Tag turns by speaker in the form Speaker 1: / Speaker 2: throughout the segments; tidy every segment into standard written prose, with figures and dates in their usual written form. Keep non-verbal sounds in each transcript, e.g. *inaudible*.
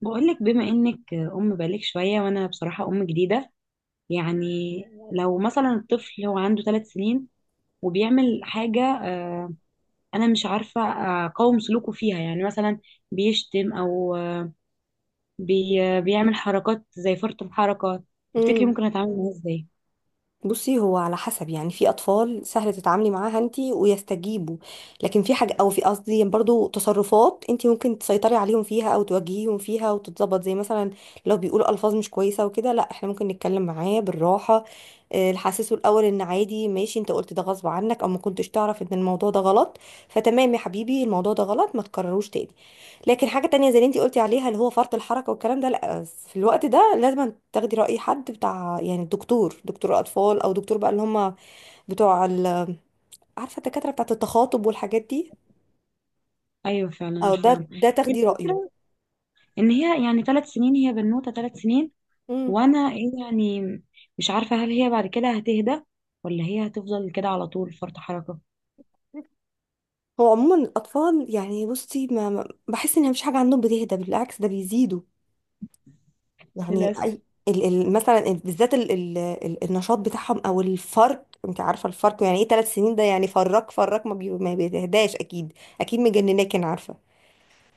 Speaker 1: بقولك بما انك ام بقالك شويه، وانا بصراحه ام جديده. يعني لو مثلا الطفل هو عنده ثلاث سنين وبيعمل حاجه، انا مش عارفه اقاوم سلوكه فيها. يعني مثلا بيشتم او، آه، بي بيعمل حركات زي فرط الحركه. تفتكري
Speaker 2: امم
Speaker 1: ممكن اتعامل معاه ازاي؟
Speaker 2: بصي، هو على حسب، يعني في اطفال سهل تتعاملي معاها انتي ويستجيبوا. لكن في حاجه او في، قصدي، برضو تصرفات انتي ممكن تسيطري عليهم فيها او توجهيهم فيها وتتظبط، زي مثلا لو بيقولوا الفاظ مش كويسه وكده، لا، احنا ممكن نتكلم معاه بالراحه. نحسسه الاول ان عادي، ماشي، انت قلت ده غصب عنك او ما كنتش تعرف ان الموضوع ده غلط. فتمام يا حبيبي، الموضوع ده غلط، ما تكرروش تاني. لكن حاجه تانية زي اللي انتي قلتي عليها، اللي هو فرط الحركه والكلام ده، لا. بس في الوقت ده لازم تاخدي رأي حد بتاع، يعني دكتور أطفال، أو دكتور بقى اللي هم بتوع عارفة، الدكاترة بتاعة التخاطب والحاجات دي،
Speaker 1: ايوه فعلا
Speaker 2: أو ده
Speaker 1: عارفاهم.
Speaker 2: ده
Speaker 1: هي
Speaker 2: تاخدي رأيه.
Speaker 1: الفكره ان هي يعني ثلاث سنين، هي بنوته ثلاث سنين،
Speaker 2: مم.
Speaker 1: وانا إيه يعني؟ مش عارفه هل هي بعد كده هتهدى، ولا هي هتفضل كده على طول فرط حركه.
Speaker 2: هو عموما الأطفال، يعني بصي، بحس إن مفيش حاجة عندهم بتهدى، بالعكس ده بيزيدوا. يعني
Speaker 1: للاسف
Speaker 2: أي، ال مثلا بالذات ال النشاط بتاعهم، أو الفرق، أنت عارفة الفرق يعني إيه، 3 سنين ده يعني فرق، فرق ما، ما بيتهداش، أكيد. أكيد مجنناك، أنا عارفة.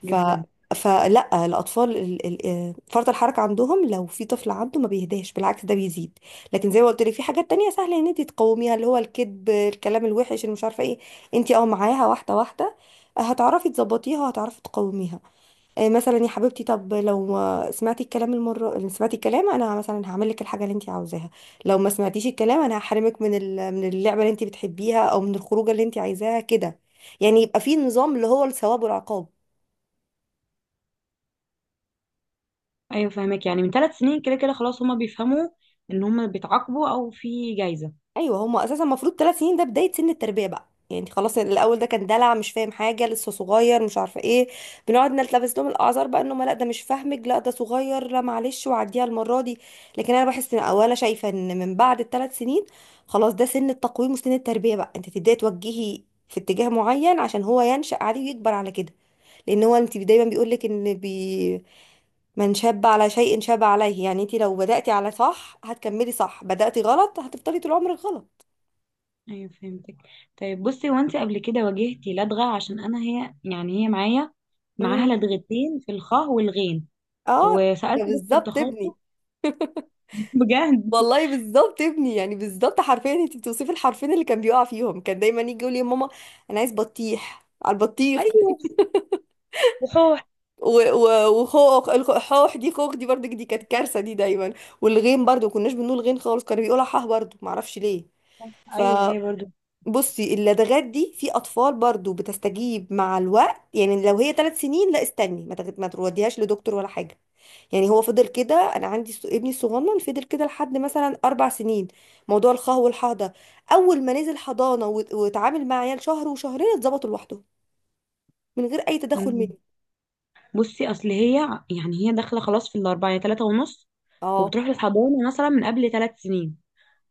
Speaker 2: ف
Speaker 1: جدا.
Speaker 2: فلا، الاطفال فرط الحركه عندهم، لو في طفل عنده ما بيهداش، بالعكس ده بيزيد. لكن زي ما قلت لك، في حاجات تانية سهله ان انت تقاوميها، اللي هو الكذب، الكلام الوحش، اللي مش عارفه ايه، انت معاها واحده واحده، هتعرفي تظبطيها وهتعرفي تقاوميها. مثلا يا حبيبتي، طب لو ما سمعتي الكلام، المره اللي سمعتي الكلام، انا مثلا هعمل لك الحاجه اللي انت عاوزاها. لو ما سمعتيش الكلام، انا هحرمك من اللعبه اللي انت بتحبيها او من الخروجه اللي انت عايزاها كده. يعني يبقى في نظام، اللي هو الثواب والعقاب.
Speaker 1: ايوه فاهمك، يعني من ثلاث سنين كده كده خلاص هما بيفهموا ان هما بيتعاقبوا او في جايزة.
Speaker 2: ايوه، هما اساسا المفروض ثلاث سنين ده بدايه سن التربيه بقى، يعني انت خلاص، الاول ده كان دلع، مش فاهم حاجه، لسه صغير، مش عارفه ايه، بنقعد نلتبس لهم الاعذار بقى، انه ما، لا، ده مش فاهمك، لا، ده صغير، لا، معلش وعديها المره دي. لكن انا بحس ان، او انا شايفه ان، من بعد الثلاث سنين خلاص ده سن التقويم وسن التربيه بقى، انت تبداي توجهي في اتجاه معين، عشان هو ينشأ عليه ويكبر على كده. لان هو انت دايما بيقول لك ان من شاب على شيء شاب عليه، يعني انت لو بدأتي على صح هتكملي صح، بدأتي غلط هتفضلي طول عمرك غلط.
Speaker 1: ايوه فهمتك. طيب بصي، هو انت قبل كده واجهتي لدغة؟ عشان انا هي يعني، هي معايا معاها
Speaker 2: مم.
Speaker 1: لدغتين في الخاء والغين،
Speaker 2: اه، ده
Speaker 1: وسألت دكتور
Speaker 2: بالظبط
Speaker 1: تخاطب.
Speaker 2: ابني.
Speaker 1: *laughs* بجد.
Speaker 2: والله بالظبط ابني، يعني بالظبط حرفيا انت بتوصفي الحرفين اللي كان بيقع فيهم، كان دايما يجي يقول لي يا ماما، انا عايز بطيح على البطيخ.
Speaker 1: ايوه. وحوح.
Speaker 2: وخوخ، الخوخ دي، خوخ دي برضه، دي كانت كارثه دي دايما. والغين برضه، ما كناش بنقول غين خالص، كانوا بيقولوا حاه برضه، ما اعرفش ليه. ف
Speaker 1: ايوه هي برضو.
Speaker 2: بصي، اللدغات دي في اطفال برضو بتستجيب مع الوقت، يعني لو هي ثلاث سنين، لا استني، ما توديهاش لدكتور ولا حاجه. يعني هو فضل كده، انا عندي ابني الصغنن فضل كده لحد مثلا 4 سنين، موضوع الخه والحاضه. اول ما نزل حضانه واتعامل مع عيال شهر وشهرين، اتظبطوا لوحده، من غير اي تدخل
Speaker 1: مم.
Speaker 2: مني.
Speaker 1: بصي اصل هي، يعني هي داخله خلاص في الاربعه، يعني ثلاثه ونص،
Speaker 2: اه،
Speaker 1: وبتروح للحضانه مثلا من قبل ثلاث سنين.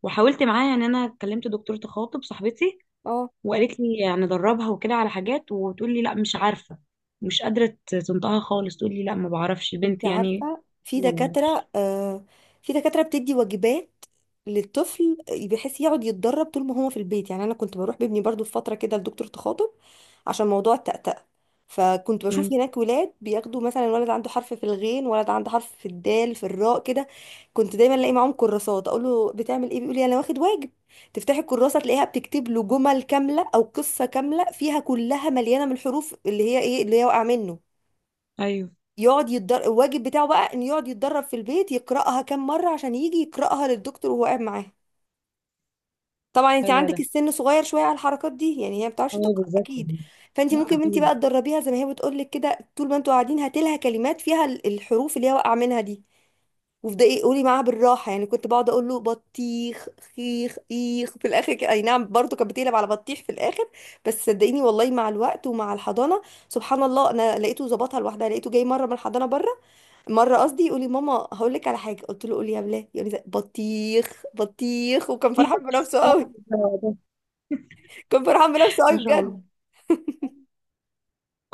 Speaker 1: وحاولت معاها، يعني انا كلمت دكتوره تخاطب صاحبتي
Speaker 2: اه،
Speaker 1: وقالت لي ندربها وكده على حاجات، وتقول لي لا مش عارفة، مش قادرة تنطقها خالص. تقول لي لا ما بعرفش
Speaker 2: انت
Speaker 1: بنتي يعني.
Speaker 2: عارفة، في
Speaker 1: ما بعرفش.
Speaker 2: دكاترة، في دكاترة بتدي واجبات للطفل، بحيث يقعد يتدرب طول ما هو في البيت. يعني انا كنت بروح بابني برضو في فترة كده لدكتور تخاطب، عشان موضوع التأتأة. فكنت بشوف
Speaker 1: مم.
Speaker 2: هناك ولاد بياخدوا، مثلا ولد عنده حرف في الغين، ولد عنده حرف في الدال، في الراء كده. كنت دايما الاقي معاهم كراسات، اقول له بتعمل ايه، بيقول لي انا واخد واجب. تفتحي الكراسه تلاقيها بتكتب له جمل كامله او قصه كامله فيها، كلها مليانه من الحروف اللي هي ايه، اللي هي واقع منه.
Speaker 1: ايوه
Speaker 2: يقعد يتدرب الواجب بتاعه بقى، ان يقعد يتدرب في البيت، يقرأها كام مرة عشان يجي يقرأها للدكتور وهو قاعد معاها. طبعا انت
Speaker 1: حلوة
Speaker 2: عندك
Speaker 1: ده.
Speaker 2: السن صغير شوية على الحركات دي، يعني هي ما بتعرفش
Speaker 1: ايوه
Speaker 2: تقرأ
Speaker 1: بالظبط
Speaker 2: اكيد.
Speaker 1: يعني.
Speaker 2: فانت
Speaker 1: لا
Speaker 2: ممكن، انت
Speaker 1: اكيد.
Speaker 2: بقى تدربيها زي ما هي بتقول لك كده، طول ما انتوا قاعدين هاتي لها كلمات فيها الحروف اللي هي واقعة منها دي. وابدأي، قولي معاها بالراحة، يعني كنت بقعد اقول له بطيخ، خيخ، ايخ، في الاخر اي نعم برضه، كانت بتقلب على بطيخ في الاخر. بس صدقيني والله، مع الوقت ومع الحضانة، سبحان الله، انا لقيته ظبطها لوحدها، لقيته جاي مرة من الحضانة بره، مره، قصدي، يقول لي ماما هقول لك على حاجه، قلت له قولي يا بلال، يقول لي بطيخ بطيخ، وكان فرحان بنفسه قوي.
Speaker 1: *laughs*
Speaker 2: كان فرحان بنفسه قوي
Speaker 1: ان شاء الله.
Speaker 2: بجد.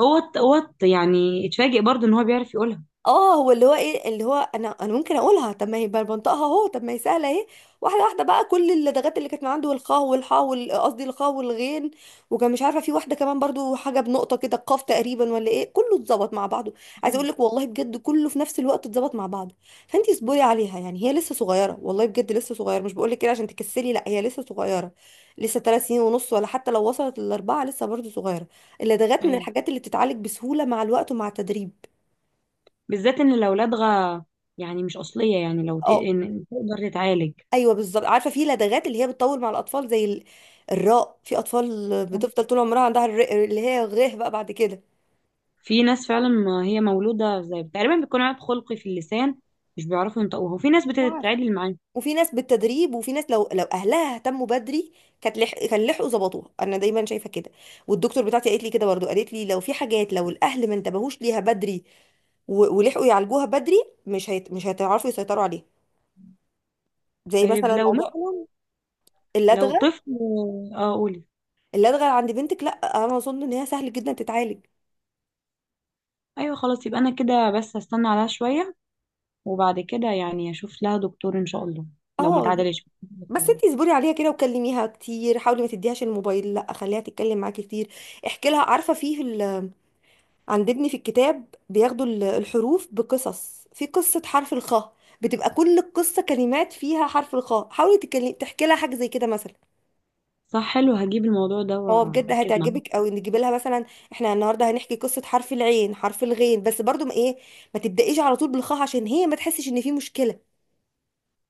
Speaker 1: يعني اتفاجئ برضو ان هو بيعرف يقولها.
Speaker 2: اه، هو اللي هو ايه، اللي هو انا ممكن اقولها، طب ما هي بقى بنطقها اهو، طب ما هي سهله اهي. واحده واحده بقى، كل اللدغات اللي كانت من عنده، والخاء والحاء قصدي الخاء والغين، وكان مش عارفه، في واحده كمان برضو، حاجه بنقطه كده، القاف تقريبا ولا ايه، كله اتظبط مع بعضه. عايزه
Speaker 1: ايوه.
Speaker 2: اقول لك والله بجد، كله في نفس الوقت اتظبط مع بعضه. فانتي اصبري عليها، يعني هي لسه صغيره، والله بجد لسه صغيره، مش بقول لك كده عشان تكسلي، لا هي لسه صغيره، لسه 3 سنين ونص، ولا حتى لو وصلت للاربعه لسه برضو صغيره. اللدغات من
Speaker 1: ايوه
Speaker 2: الحاجات اللي بتتعالج بسهوله مع الوقت ومع التدريب.
Speaker 1: بالذات ان الاولاد غا، يعني مش اصلية، يعني
Speaker 2: اه،
Speaker 1: إن تقدر تتعالج.
Speaker 2: ايوه بالظبط، عارفه في لدغات اللي هي بتطول مع الاطفال، زي الراء، في اطفال بتفضل طول عمرها عندها اللي هي غيه بقى بعد كده.
Speaker 1: في ناس فعلا ما هي مولودة، زي تقريبا بيكون عيب خلقي في اللسان، مش بيعرفوا ينطقوها، وفي ناس
Speaker 2: مش عارفة،
Speaker 1: بتتعدل معاه.
Speaker 2: وفي ناس بالتدريب، وفي ناس لو اهلها اهتموا بدري، كان لحقوا ظبطوها، انا دايما شايفه كده. والدكتور بتاعتي قالت لي كده برضو، قالت لي لو في حاجات، لو الاهل ما انتبهوش ليها بدري ولحقوا يعالجوها بدري، مش هيتعرفوا يسيطروا عليها. زي
Speaker 1: طيب
Speaker 2: مثلا
Speaker 1: لو
Speaker 2: موضوع
Speaker 1: مثلا، لو
Speaker 2: اللدغه.
Speaker 1: طفل. اه قولي.
Speaker 2: اللدغه عند بنتك، لا، انا اظن ان هي سهل جدا تتعالج.
Speaker 1: ايوه خلاص، يبقى انا كده بس هستنى عليها شوية، وبعد كده يعني اشوف لها دكتور ان شاء الله لو ما
Speaker 2: اه،
Speaker 1: اتعدلش.
Speaker 2: بس انتي اصبري عليها كده وكلميها كتير، حاولي ما تديهاش الموبايل، لا خليها تتكلم معاكي كتير. احكي لها، عارفه، عند ابني في الكتاب بياخدوا الحروف بقصص، في قصه حرف الخاء، بتبقى كل القصه كلمات فيها حرف الخاء، حاولي تحكي لها حاجه زي كده مثلا.
Speaker 1: صح، حلو، هجيب الموضوع ده
Speaker 2: هو بجد
Speaker 1: واركز معاه.
Speaker 2: هتعجبك قوي، نجيب لها مثلا، احنا النهارده هنحكي قصه حرف العين، حرف الغين، بس برضو ما، ايه، ما تبدايش على طول بالخاء، عشان هي ما تحسش ان في مشكله،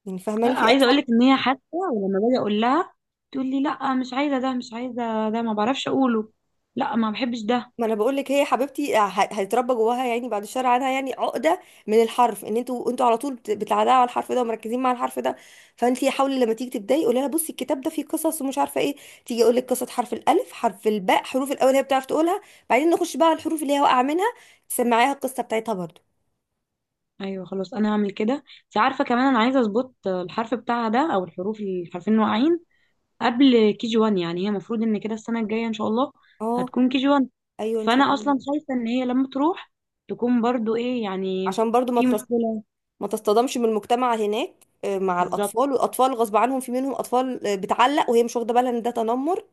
Speaker 2: يعني فاهماني، في
Speaker 1: عايزه اقول لك
Speaker 2: اطفال.
Speaker 1: ان هي حتى ولما باجي اقول لها، تقول لي لا مش عايزه ده، مش عايزه ده، ما بعرفش اقوله، لا ما بحبش ده.
Speaker 2: ما انا بقول لك، هي حبيبتي هيتربى جواها، يعني بعد الشر عنها، يعني عقده من الحرف، ان انتوا على طول بتعلقوا على الحرف ده ومركزين مع الحرف ده. فانت حاولي لما تيجي تبداي، قولي لها بصي، الكتاب ده فيه قصص ومش عارفه ايه، تيجي اقول لك قصه حرف الالف، حرف الباء، حروف الاول هي بتعرف تقولها، بعدين نخش بقى على الحروف اللي هي واقعه منها، تسمعيها القصه بتاعتها برضو.
Speaker 1: ايوه خلاص انا هعمل كده. انت عارفه كمان انا عايزه اظبط الحرف بتاعها ده، او الحروف، الحرفين اللي واقعين قبل كي جي 1. يعني هي المفروض ان كده السنه الجايه ان شاء الله
Speaker 2: اه،
Speaker 1: هتكون كي جي 1.
Speaker 2: ايوه ان شاء
Speaker 1: فانا
Speaker 2: الله،
Speaker 1: اصلا خايفه ان هي لما تروح تكون برضو ايه يعني،
Speaker 2: عشان برضو
Speaker 1: في مشكله.
Speaker 2: ما تصطدمش من المجتمع هناك، مع
Speaker 1: بالظبط.
Speaker 2: الاطفال، والاطفال غصب عنهم في منهم اطفال، بتعلق وهي مش واخده بالها ان ده تنمر.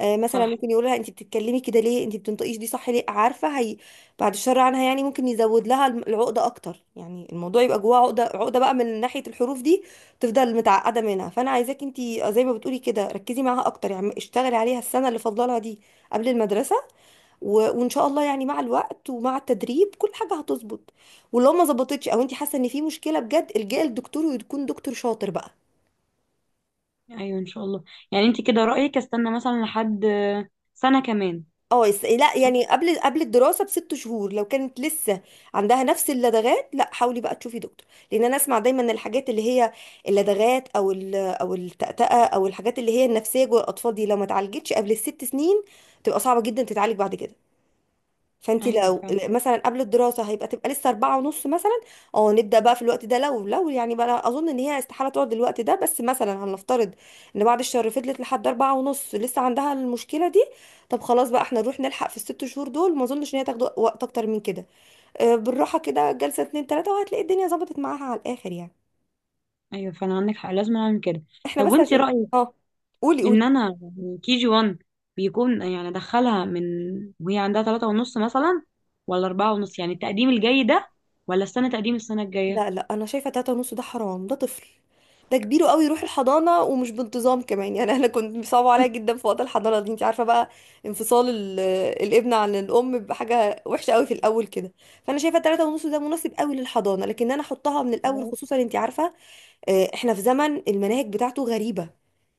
Speaker 2: مثلا
Speaker 1: صح.
Speaker 2: ممكن يقول لها انت بتتكلمي كده ليه، انت بتنطقيش دي صح ليه، عارفه هي. بعد الشر عنها، يعني ممكن يزود لها العقده اكتر، يعني الموضوع يبقى جواها عقده، عقده بقى من ناحيه الحروف دي، تفضل متعقده منها. فانا عايزاك انت، زي ما بتقولي كده، ركزي معاها اكتر، يعني اشتغلي عليها السنه اللي فاضلها دي قبل المدرسه، و... وان شاء الله، يعني مع الوقت ومع التدريب كل حاجه هتظبط. ولو ما ظبطتش او انت حاسه ان في مشكله بجد، الجئي لدكتور، ويكون دكتور شاطر بقى.
Speaker 1: ايوه ان شاء الله. يعني انت كده رايك استنى مثلا لحد سنه كمان؟
Speaker 2: اه، لا
Speaker 1: صح.
Speaker 2: يعني، قبل الدراسه بست شهور، لو كانت لسه عندها نفس اللدغات، لا حاولي بقى تشوفي دكتور. لان انا اسمع دايما، ان الحاجات اللي هي اللدغات او التأتأة، او الحاجات اللي هي النفسيه جوه الاطفال دي، لو ما اتعالجتش قبل الست سنين تبقى صعبه جدا تتعالج بعد كده. فانت
Speaker 1: ايوه
Speaker 2: لو
Speaker 1: فعلا.
Speaker 2: مثلا قبل الدراسه تبقى لسه 4 ونص مثلا. اه، نبدا بقى في الوقت ده، لو يعني بقى، أنا اظن ان هي استحاله تقعد الوقت ده، بس مثلا هنفترض ان بعد الشهر فضلت لحد 4 ونص لسه عندها المشكله دي، طب خلاص بقى، احنا نروح نلحق في الست شهور دول، ما اظنش ان هي تاخد وقت اكتر من كده. بالراحه كده، جلسه اتنين تلاته، وهتلاقي الدنيا ظبطت معاها على الاخر يعني.
Speaker 1: ايوه فعلا عندك حق، لازم اعمل كده.
Speaker 2: احنا
Speaker 1: طب
Speaker 2: بس
Speaker 1: وانت
Speaker 2: عشان،
Speaker 1: رايك
Speaker 2: اه، قولي قولي.
Speaker 1: ان انا يعني كي جي 1 بيكون، يعني ادخلها من وهي عندها ثلاثة ونص مثلا، ولا أربعة ونص؟ يعني التقديم الجاي ده، ولا استنى تقديم السنة الجاية؟
Speaker 2: لا، لا، انا شايفه 3 ونص ده حرام، ده طفل، ده كبير قوي يروح الحضانه، ومش بانتظام كمان، يعني انا *laughs* كنت بيصعب عليا جدا في وقت الحضانه دي، انت عارفه بقى، انفصال الابن عن الام بحاجه وحشه قوي في الاول كده. فانا شايفه 3 ونص ده مناسب قوي للحضانه، لكن انا احطها من الاول، خصوصا انت عارفه، احنا في زمن المناهج بتاعته غريبه،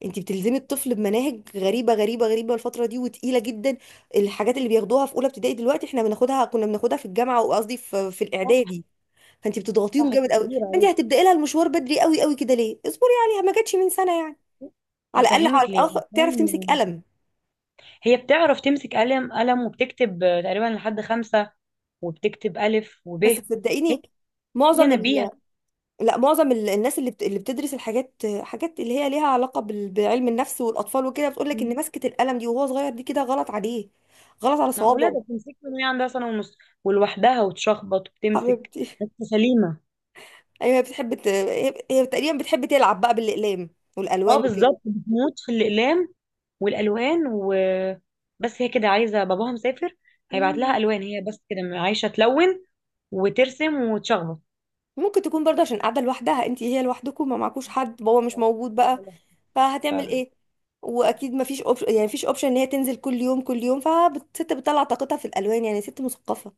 Speaker 2: انت بتلزمي الطفل بمناهج غريبه غريبه غريبه الفتره دي، وتقيله جدا. الحاجات اللي بياخدوها في اولى ابتدائي دلوقتي احنا كنا بناخدها في الجامعه، وقصدي في
Speaker 1: صح
Speaker 2: الاعدادي. فانت بتضغطيهم
Speaker 1: صح،
Speaker 2: جامد قوي،
Speaker 1: كبير
Speaker 2: فانت
Speaker 1: عليه.
Speaker 2: هتبداي لها المشوار بدري قوي قوي كده، ليه، اصبري عليها، ما جاتش من سنه يعني. على الاقل
Speaker 1: هفهمك ليه،
Speaker 2: تعرف تمسك
Speaker 1: عشان
Speaker 2: قلم.
Speaker 1: هي بتعرف تمسك قلم، قلم وبتكتب تقريبا لحد خمسة، وبتكتب ألف وب.
Speaker 2: بس
Speaker 1: هي،
Speaker 2: صدقيني،
Speaker 1: هي
Speaker 2: معظم ال...
Speaker 1: نبيهة.
Speaker 2: لا معظم الناس اللي اللي بتدرس الحاجات، حاجات اللي هي ليها علاقه بعلم النفس والاطفال وكده، بتقول لك ان مسكه القلم دي وهو صغير دي كده غلط عليه، غلط على
Speaker 1: معقولة؟
Speaker 2: صوابعه.
Speaker 1: ده بتمسك من وهي عندها سنة ونص، ولوحدها وتشخبط
Speaker 2: *laughs*
Speaker 1: وبتمسك.
Speaker 2: حبيبتي،
Speaker 1: بس سليمة.
Speaker 2: ايوه هي بتحب هي تقريبا بتحب تلعب بقى بالاقلام والالوان
Speaker 1: اه
Speaker 2: وكده.
Speaker 1: بالظبط بتموت في الأقلام والالوان و، بس هي كده عايزه باباها مسافر، هيبعت لها
Speaker 2: مم.
Speaker 1: الوان. هي بس كده عايشه تلون وترسم وتشخبط.
Speaker 2: ممكن تكون برضه عشان قاعده لوحدها، انت هي لوحدكم، ما معكوش حد، بابا مش موجود بقى، فهتعمل
Speaker 1: فعلا.
Speaker 2: ايه. واكيد مفيش اوبشن، يعني مفيش اوبشن ان هي تنزل كل يوم كل يوم، فالست بتطلع طاقتها في الالوان، يعني ست مثقفه.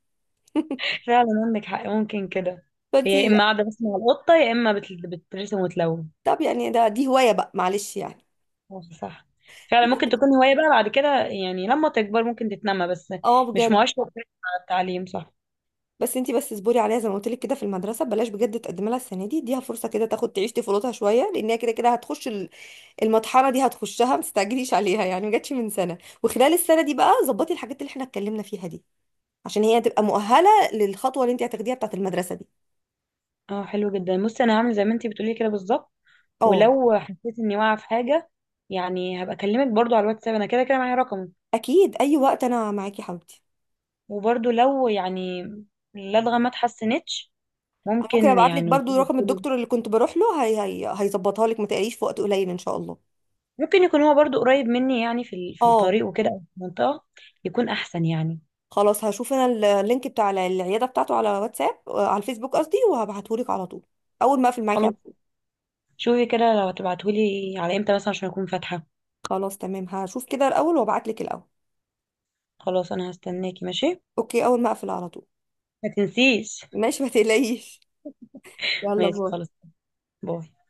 Speaker 1: فعلا عندك حق، ممكن كده. هي يا
Speaker 2: فانتي
Speaker 1: اما
Speaker 2: لا.
Speaker 1: قاعده بس مع القطه، يا اما بترسم وتلون.
Speaker 2: طب يعني دي هوايه بقى، معلش يعني.
Speaker 1: صح صح. فعلا ممكن تكون هوايه بقى بعد كده، يعني لما تكبر ممكن تتنمى، بس
Speaker 2: اه
Speaker 1: مش
Speaker 2: بجد.
Speaker 1: مؤشر كويس على التعليم. صح.
Speaker 2: بس انتي بس اصبري عليها زي ما قلت لك كده في المدرسه، بلاش بجد تقدمي لها السنه دي، اديها فرصه كده تاخد تعيش طفولتها شويه، لان هي كده كده هتخش المطحنه دي، هتخشها، ما تستعجليش عليها يعني، ما جاتش من سنه. وخلال السنه دي بقى ظبطي الحاجات اللي احنا اتكلمنا فيها دي، عشان هي تبقى مؤهله للخطوه اللي انتي هتاخديها بتاعت المدرسه دي.
Speaker 1: اه حلو جدا، بصي انا هعمل زي ما انتي بتقولي كده بالظبط.
Speaker 2: اه،
Speaker 1: ولو حسيت اني واقعه في حاجه، يعني هبقى اكلمك برضو على الواتساب، انا كده كده معايا رقمك.
Speaker 2: اكيد اي وقت انا معاكي يا حبيبتي.
Speaker 1: وبرضو لو يعني اللدغة ما اتحسنتش،
Speaker 2: أنا ممكن
Speaker 1: ممكن
Speaker 2: ابعت لك
Speaker 1: يعني
Speaker 2: برضو رقم الدكتور اللي كنت بروح له، هي هيظبطها لك، ما تقليش في وقت قليل ان شاء الله.
Speaker 1: ممكن يكون هو برضو قريب مني، يعني في
Speaker 2: اه
Speaker 1: الطريق وكده، أو في المنطقة، يكون أحسن يعني.
Speaker 2: خلاص، هشوف انا اللينك بتاع العياده بتاعته على واتساب، على الفيسبوك قصدي، وهبعته لك على طول، اول ما اقفل معاكي على
Speaker 1: خلاص.
Speaker 2: طول.
Speaker 1: شوفي كده لو هتبعتهولي على امتى مثلا عشان أكون فاتحة.
Speaker 2: خلاص تمام، هشوف كده الاول وابعت لك الاول.
Speaker 1: خلاص أنا هستناكي، ماشي.
Speaker 2: اوكي، اول ما اقفل على طول.
Speaker 1: ما تنسيش.
Speaker 2: ماشي، ما تقلقيش. يلا
Speaker 1: ماشي
Speaker 2: باي.
Speaker 1: خلاص. باي.